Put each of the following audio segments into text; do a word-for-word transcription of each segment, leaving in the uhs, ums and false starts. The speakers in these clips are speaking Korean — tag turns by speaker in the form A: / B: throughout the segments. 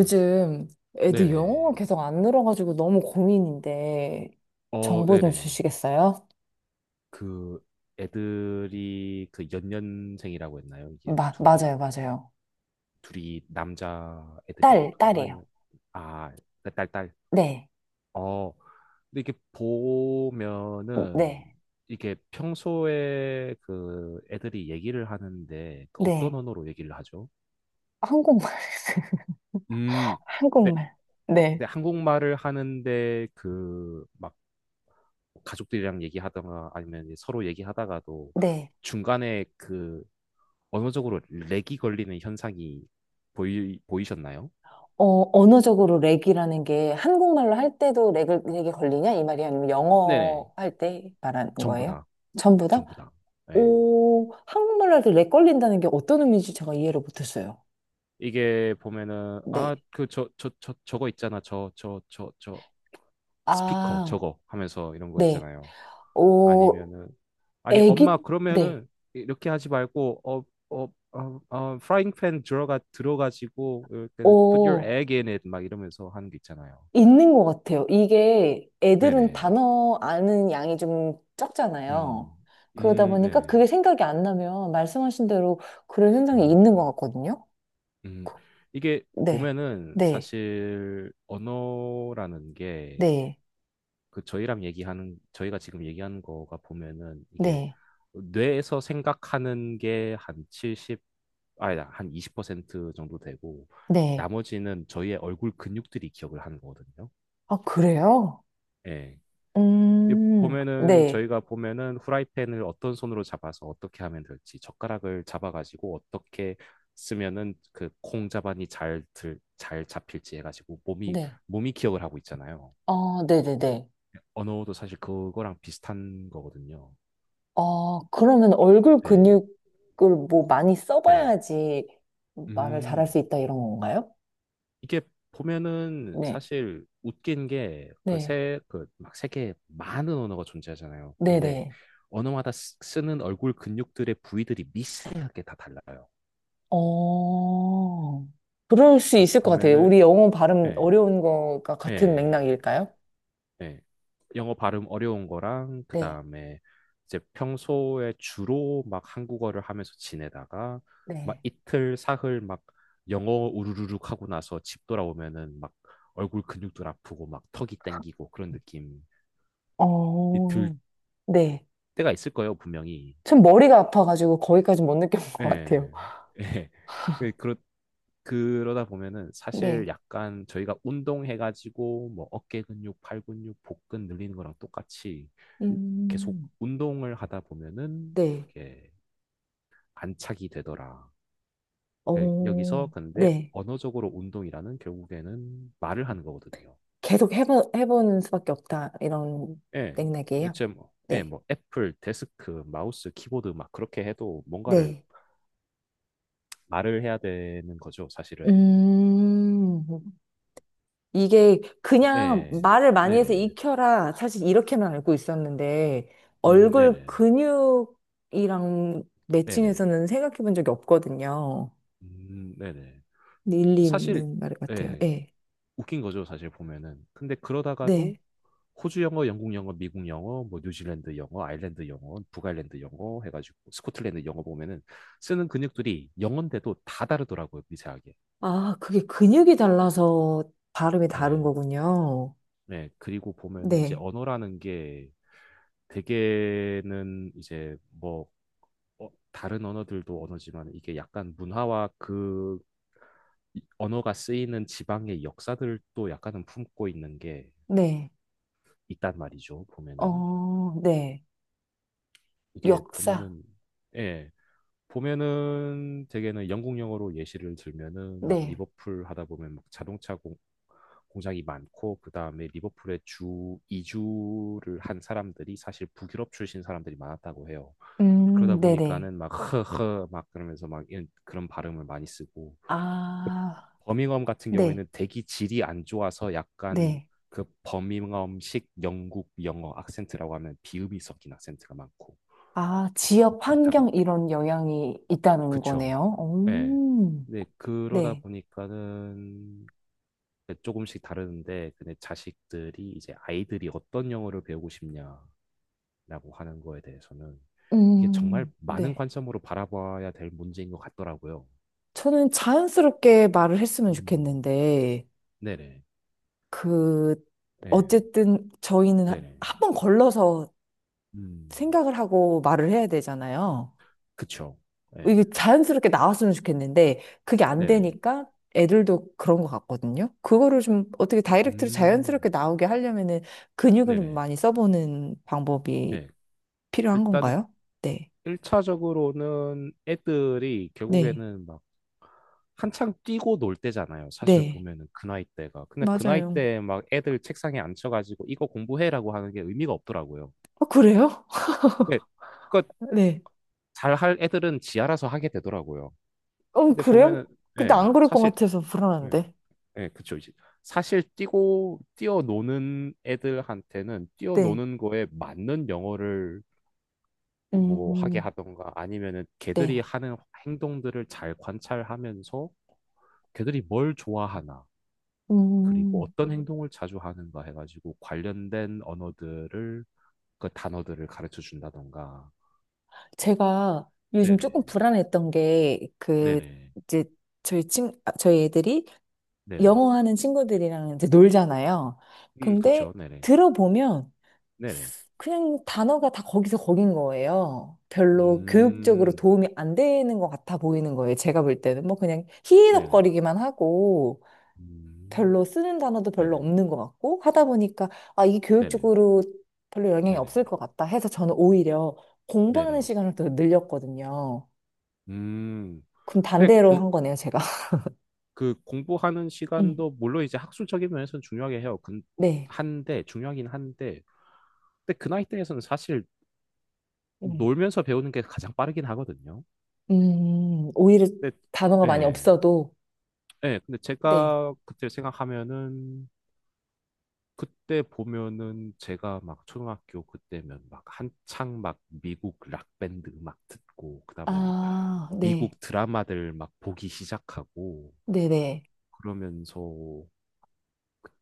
A: 음.
B: 애들
A: 네네.
B: 영어가 계속 안 늘어가지고 너무 고민인데
A: 어,
B: 정보 좀
A: 네네.
B: 주시겠어요?
A: 그 애들이 그 연년생이라고 했나요? 이게
B: 마, 맞아요,
A: 둘이 어,
B: 맞아요.
A: 둘이 남자
B: 딸,
A: 애들이었는가요?
B: 딸이에요.
A: 아니면 아, 그 딸, 딸.
B: 네,
A: 어, 근데 이게 렇 보면은
B: 네,
A: 이게 평소에 그 애들이 얘기를 하는데 그 어떤
B: 네.
A: 언어로 얘기를 하죠?
B: 한국말,
A: 음, 네,
B: 한국말. 네,
A: 네, 한국말을 하는데 그막 가족들이랑 얘기하다가 아니면 이제 서로 얘기하다가도
B: 네.
A: 중간에 그 언어적으로 렉이 걸리는 현상이 보이, 보이셨나요?
B: 어, 언어적으로 렉이라는 게 한국말로 할 때도 렉을, 렉이 걸리냐? 이 말이 아니면
A: 네네.
B: 영어 할 때 말하는
A: 전부
B: 거예요?
A: 다.
B: 전부 다?
A: 전부 다. 네.
B: 오, 한국말로 할 때 렉 걸린다는 게 어떤 의미인지 제가 이해를 못했어요.
A: 이게 보면은
B: 네.
A: 아, 그 저 저 저 저거 있잖아. 저 저 저 저 스피커
B: 아,
A: 저거 하면서 이런 거
B: 네.
A: 있잖아요.
B: 어,
A: 아니면은 아니
B: 애기,
A: 엄마
B: 네.
A: 그러면은 이렇게 하지 말고 어 어 어 어 프라이팬 들어가 들어가지고 이렇게 put your
B: 어,
A: egg in it 막 이러면서 하는 게 있잖아요.
B: 있는 것 같아요. 이게 애들은
A: 네네.
B: 단어 아는 양이 좀 적잖아요.
A: 음,
B: 그러다
A: 음,
B: 보니까
A: 네네.
B: 그게 생각이 안 나면 말씀하신 대로 그런 현상이
A: 음,
B: 있는 것 같거든요.
A: 음. 이게
B: 네.
A: 보면은
B: 네.
A: 사실 언어라는 게
B: 네.
A: 그 저희랑 얘기하는, 저희가 지금 얘기하는 거가 보면은 이게
B: 네.
A: 뇌에서 생각하는 게 한 칠십, 아니다, 한 이십 퍼센트 정도 되고
B: 네.
A: 나머지는 저희의 얼굴 근육들이 기억을 하는 거거든요.
B: 아, 그래요?
A: 예. 이
B: 음,
A: 보면은
B: 네.
A: 저희가 보면은 후라이팬을 어떤 손으로 잡아서 어떻게 하면 될지 젓가락을 잡아가지고 어떻게 쓰면은 그 콩자반이 잘 들, 잘 잡힐지 해가지고 몸이
B: 네.
A: 몸이 기억을 하고 있잖아요.
B: 아, 네네네.
A: 언어도 사실 그거랑 비슷한 거거든요.
B: 아, 그러면 얼굴
A: 네,
B: 근육을 뭐 많이
A: 네.
B: 써봐야지 말을 잘할
A: 음,
B: 수 있다 이런 건가요?
A: 이게 보면은
B: 네.
A: 사실 웃긴 게 그
B: 네.
A: 세, 그 막 세계에 많은 언어가 존재하잖아요. 근데
B: 네네.
A: 언어마다 쓰- 쓰는 얼굴 근육들의 부위들이 미세하게 다 달라요.
B: 어, 그럴 수 있을 것 같아요.
A: 보면은
B: 우리 영어 발음
A: 예,
B: 어려운 거가 같은
A: 예,
B: 맥락일까요?
A: 예. 영어 발음 어려운 거랑
B: 네.
A: 그다음에 이제 평소에 주로 막 한국어를 하면서 지내다가 막
B: 네.
A: 이틀 사흘 막 영어 우르르륵 하고 나서 집 돌아오면은 막 얼굴 근육도 아프고 막 턱이 땡기고 그런 느낌이 들
B: 어, 네.
A: 때가 있을 거예요, 분명히.
B: 전 머리가 아파가지고 거기까지 못 느껴본 것 같아요.
A: 예. 예. 그- 그렇 그러다 보면은 사실
B: 네.
A: 약간 저희가 운동해가지고 뭐 어깨 근육, 팔 근육, 복근 늘리는 거랑 똑같이 계속
B: 음,
A: 운동을 하다 보면은
B: 네.
A: 이게 안착이 되더라. 그 여기서
B: 어,
A: 근데
B: 네.
A: 언어적으로 운동이라는 결국에는 말을 하는 거거든요.
B: 계속 해보, 해보는 수밖에 없다. 이런
A: 예, 뭐
B: 맥락이에요.
A: 이제 뭐, 예,
B: 네.
A: 뭐 애플, 데스크, 마우스, 키보드 막 그렇게 해도 뭔가를
B: 네.
A: 말을 해야 되는 거죠, 사실은.
B: 음, 이게 그냥
A: 예,
B: 말을 많이 해서
A: 네네,
B: 익혀라. 사실 이렇게만 알고 있었는데,
A: 음,
B: 얼굴
A: 네네.
B: 근육이랑
A: 네네.
B: 매칭해서는 생각해 본 적이 없거든요.
A: 음, 네네.
B: 일리
A: 사실,
B: 있는 말 같아요.
A: 예,
B: 네.
A: 웃긴 거죠, 사실 보면은. 근데 그러다가도
B: 네.
A: 호주 영어, 영국 영어, 미국 영어, 뭐 뉴질랜드 영어, 아일랜드 영어, 북아일랜드 영어 해가지고 스코틀랜드 영어 보면은 쓰는 근육들이 영어인데도 다 다르더라고요, 미세하게.
B: 아, 그게 근육이 달라서 발음이
A: 예,
B: 다른 거군요.
A: 예. 그리고 보면은 이제
B: 네.
A: 언어라는 게 대개는 이제 뭐 어, 다른 언어들도 언어지만 이게 약간 문화와 그 이- 언어가 쓰이는 지방의 역사들도 약간은 품고 있는 게
B: 네.
A: 있단 말이죠. 보면은
B: 어, 네.
A: 이게
B: 역사.
A: 보면은 예. 보면은 대개는 영국 영어로 예시를 들면은 막
B: 네.
A: 리버풀 하다 보면 막 자동차 공, 공장이 많고 그다음에 리버풀에 주 이주를 한 사람들이 사실 북유럽 출신 사람들이 많았다고 해요. 그러다
B: 음, 네네.
A: 보니까는 막 허허 막 그러면서 막 이런 그런 발음을 많이 쓰고
B: 아,
A: 버밍엄 같은
B: 네.
A: 경우에는 대기 질이 안 좋아서 약간
B: 네.
A: 그 버밍엄식 영국 영어 악센트라고 하면 비읍이 섞인 악센트가 많고
B: 아,
A: 뭐 그-
B: 지역
A: 그렇다고
B: 환경 이런 영향이 있다는
A: 그쵸.
B: 거네요.
A: 예.
B: 오,
A: 근데 그러다
B: 네.
A: 보니까는 조금씩 다르는데, 근데 자식들이 이제 아이들이 어떤 영어를 배우고 싶냐라고 하는 거에 대해서는 이게 정말
B: 음,
A: 많은
B: 네.
A: 관점으로 바라봐야 될 문제인 것 같더라고요.
B: 저는 자연스럽게 말을 했으면
A: 음.
B: 좋겠는데,
A: 네네.
B: 그,
A: 예.
B: 어쨌든 저희는
A: 네네.
B: 한 번 걸러서
A: 음.
B: 생각을 하고 말을 해야 되잖아요.
A: 그쵸. 예.
B: 이게 자연스럽게 나왔으면 좋겠는데, 그게 안
A: 네네.
B: 되니까 애들도 그런 것 같거든요. 그거를 좀 어떻게 다이렉트로 자연스럽게
A: 음.
B: 나오게 하려면은 근육을 좀
A: 네네.
B: 많이 써보는 방법이
A: 네.
B: 필요한
A: 일단
B: 건가요? 네.
A: 일 차적으로는 애들이
B: 네.
A: 결국에는 막 한창 뛰고 놀 때잖아요. 사실
B: 네.
A: 보면은 그 나이 때가. 근데 그 나이
B: 맞아요.
A: 때 막 애들 책상에 앉혀가지고 이거 공부해라고 하는 게 의미가 없더라고요.
B: 아 그래요?
A: 예, 그
B: 네.
A: 잘할 애들은 지 알아서 하게 되더라고요.
B: 어,
A: 근데
B: 그래요?
A: 보면은
B: 근데
A: 예,
B: 안 그럴 것
A: 사실
B: 같아서
A: 예,
B: 불안한데.
A: 예, 그쵸 이제 사실 뛰고 뛰어노는 애들한테는
B: 네.
A: 뛰어노는 거에 맞는 영어를 뭐 하게
B: 음,
A: 하던가 아니면은 걔들이
B: 네.
A: 하는 행동들을 잘 관찰하면서 걔들이 뭘 좋아하나 그리고
B: 음,
A: 어떤 행동을 자주 하는가 해가지고 관련된 언어들을 그 단어들을 가르쳐 준다던가
B: 제가 요즘
A: 네네
B: 조금 불안했던 게, 그,
A: 네네
B: 이제, 저희 친, 아, 저희 애들이
A: 네네
B: 영어 하는 친구들이랑 이제 놀잖아요.
A: 음
B: 근데
A: 그쵸 네네
B: 들어보면
A: 네네
B: 그냥 단어가 다 거기서 거긴 거예요. 별로 교육적으로
A: 음
B: 도움이 안 되는 것 같아 보이는 거예요. 제가 볼 때는 뭐 그냥
A: 네네
B: 희희덕거리기만 하고
A: 음
B: 별로 쓰는 단어도 별로
A: 네네
B: 없는 것 같고 하다 보니까 아, 이게
A: 네네
B: 교육적으로 별로 영향이
A: 네네
B: 없을 것 같다 해서 저는 오히려 공부하는
A: 네네
B: 시간을 더 늘렸거든요.
A: 음
B: 그럼
A: 근데
B: 반대로
A: 공
B: 한 거네요, 제가.
A: 그 공부하는
B: 음,
A: 시간도 물론 이제 학술적인 면에서는 중요하게 해요 근
B: 네.
A: 한데 중요하긴 한데 근데 그 나이 대에서는 사실
B: 음,
A: 놀면서 배우는 게 가장 빠르긴 하거든요
B: 음, 오히려
A: 근데
B: 단어가 많이
A: 예.
B: 없어도
A: 네, 근데
B: 네.
A: 제가 그때 생각하면은 그때 보면은 제가 막 초등학교 그때면 막 한창 막 미국 락밴드 막 듣고 그다음에 막
B: 아, 네.
A: 미국 드라마들 막 보기 시작하고
B: 네네.
A: 그러면서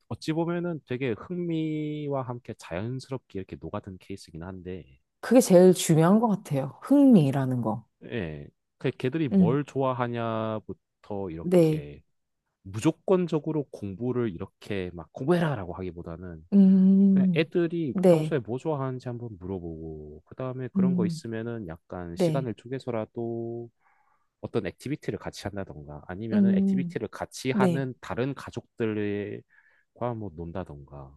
A: 어찌 보면은 되게 흥미와 함께 자연스럽게 이렇게 녹아든 케이스긴 한데
B: 그게 제일 중요한 것 같아요. 흥미라는 거.
A: 예. 그 걔들이
B: 음,
A: 뭘 좋아하냐부터
B: 네.
A: 이렇게 무조건적으로 공부를 이렇게 막 공부해라라고 하기보다는 그냥
B: 음,
A: 애들이
B: 네.
A: 평소에 뭐 좋아하는지 한번 물어보고, 그 다음에 그런 거
B: 음,
A: 있으면은 약간
B: 네.
A: 시간을 쪼개서라도 어떤 액티비티를 같이 한다던가, 아니면은
B: 음,
A: 액티비티를 같이
B: 네.
A: 하는 다른 가족들과 뭐 논다던가,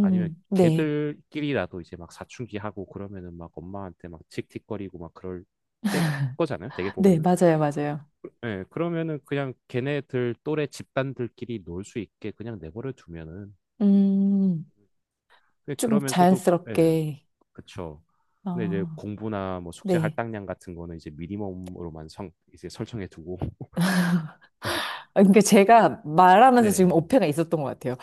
A: 아니면
B: 네.
A: 걔들끼리라도 이제 막 사춘기 하고 그러면은 막 엄마한테 막 틱틱거리고 막 그럴 때 거잖아요. 되게
B: 네,
A: 보면은.
B: 맞아요, 맞아요.
A: 예, 그러면은 그냥 걔네들 또래 집단들끼리 놀 수 있게 그냥 내버려 두면은,
B: 음,
A: 예,
B: 조금
A: 그러면서도, 예.
B: 자연스럽게,
A: 그쵸. 근데 이제
B: 아.
A: 공부나 뭐 숙제
B: 네.
A: 할당량 같은 거는 이제 미니멈으로만 성, 이제 설정해 두고.
B: 아, 그러니까 제가 말하면서 지금
A: 네네.
B: 오해가 있었던 것 같아요.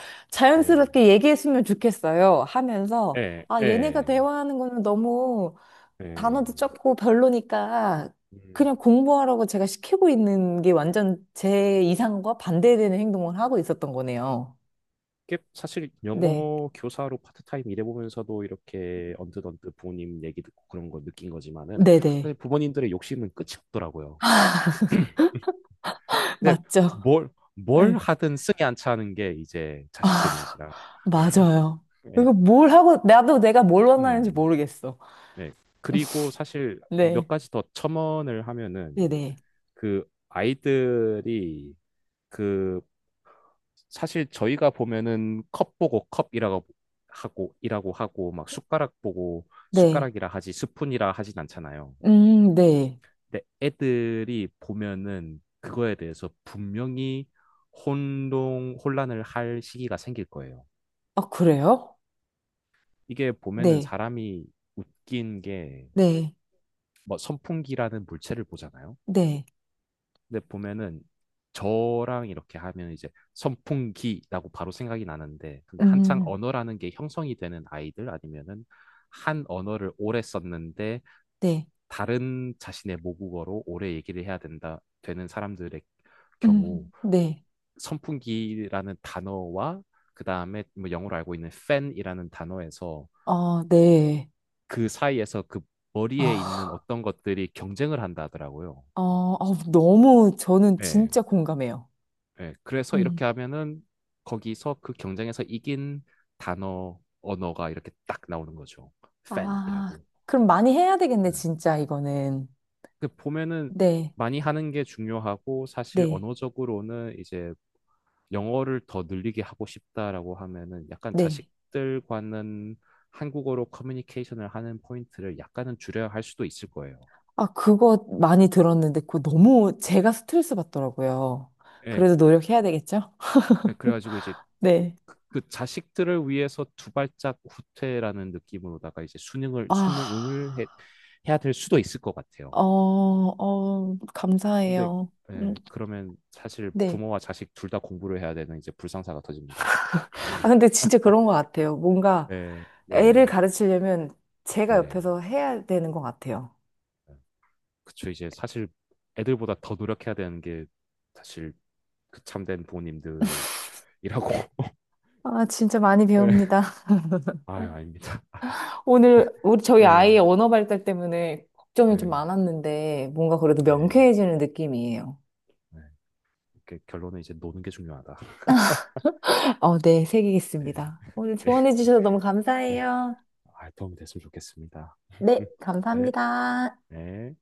A: 네.
B: 자연스럽게 얘기했으면 좋겠어요. 하면서,
A: 예,
B: 아, 얘네가
A: 예,
B: 대화하는 거는 너무
A: 예.
B: 단어도 적고 별로니까
A: 음.
B: 그냥 공부하라고 제가 시키고 있는 게 완전 제 이상과 반대되는 행동을 하고 있었던 거네요.
A: 이게 사실
B: 네.
A: 영어 교사로 파트타임 일해보면서도 이렇게 언뜻언뜻 부모님 얘기 듣고 그런 거 느낀 거지만은
B: 네네.
A: 사실 부모님들의 욕심은 끝이 없더라고요. 근데
B: 맞죠.
A: 뭘, 뭘
B: 네.
A: 하든 승이 안 차는 게 이제
B: 아,
A: 자식들인지라.
B: 맞아요. 이거
A: 예.
B: 뭘 하고, 나도 내가 뭘 원하는지
A: 음.
B: 모르겠어.
A: 네. 그리고 사실 몇
B: 네.
A: 가지 더 첨언을 하면은
B: 네네.
A: 그 아이들이 그 사실 저희가 보면은 컵 보고 컵이라고 하고 이라고 하고 막 숟가락 보고
B: 네.
A: 숟가락이라 하지 스푼이라 하진 않잖아요.
B: 음, 네.
A: 근데 애들이 보면은 그거에 대해서 분명히 혼동 혼란을 할 시기가 생길 거예요.
B: 아, 그래요?
A: 이게 보면은
B: 네.
A: 사람이 웃긴 게
B: 네.
A: 뭐 선풍기라는 물체를 보잖아요.
B: 네.
A: 근데 보면은 저랑 이렇게 하면 이제 선풍기라고 바로 생각이 나는데 근데 한창
B: 음,
A: 언어라는 게 형성이 되는 아이들 아니면은 한 언어를 오래 썼는데
B: 네.
A: 다른 자신의 모국어로 오래 얘기를 해야 된다 되는 사람들의 경우
B: 음, 네.
A: 선풍기라는 단어와 그 다음에 뭐 영어로 알고 있는 fan이라는 단어에서
B: 아, 네.
A: 그 사이에서 그 머리에 있는
B: 아.
A: 어떤 것들이 경쟁을 한다 하더라고요.
B: 어, 어, 너무 저는
A: 예.
B: 진짜 공감해요.
A: 예, 그래서 이렇게
B: 음.
A: 하면은 거기서 그 경쟁에서 이긴 단어, 언어가 이렇게 딱 나오는 거죠.
B: 아,
A: 팬이라고.
B: 그럼 많이 해야
A: 예.
B: 되겠네, 진짜 이거는.
A: 그 보면은
B: 네,
A: 많이 하는 게 중요하고 사실
B: 네,
A: 언어적으로는 이제 영어를 더 늘리게 하고 싶다라고 하면은 약간
B: 네.
A: 자식들과는 한국어로 커뮤니케이션을 하는 포인트를 약간은 줄여야 할 수도 있을 거예요.
B: 아, 그거 많이 들었는데 그거 너무 제가 스트레스 받더라고요.
A: 예,
B: 그래도 노력해야 되겠죠?
A: 네, 그래가지고 이제 그-
B: 네.
A: 그 자식들을 위해서 두 발짝 후퇴라는 느낌으로다가 이제 수능을
B: 아,
A: 수능을 해, 해야 될 수도 있을 것 같아요.
B: 어, 어,
A: 근데
B: 감사해요. 음,
A: 예, 그러면 사실
B: 네.
A: 부모와 자식 둘 다 공부를 해야 되는 이제 불상사가 터집니다.
B: 아, 근데 진짜 그런 것 같아요. 뭔가
A: 네, 네네,
B: 애를 가르치려면 제가
A: 네네.
B: 옆에서 해야 되는 것 같아요.
A: 그쵸 이제 사실 애들보다 더 노력해야 되는 게 사실 그 참된 부모님들이라고.
B: 아, 진짜 많이
A: 예.
B: 배웁니다.
A: 아유 아닙니다.
B: 오늘 우리 저희
A: 예,
B: 아이의 언어 발달 때문에 걱정이 좀
A: 예,
B: 많았는데 뭔가 그래도
A: 예,
B: 명쾌해지는 느낌이에요.
A: 예. 이렇게 결론은 이제 노는 게 중요하다.
B: 어, 네,
A: 예,
B: 새기겠습니다. 오늘 조언해 주셔서 너무
A: 예.
B: 감사해요.
A: 아, 도움이 됐으면 좋겠습니다.
B: 네,
A: 네.
B: 감사합니다.
A: 네.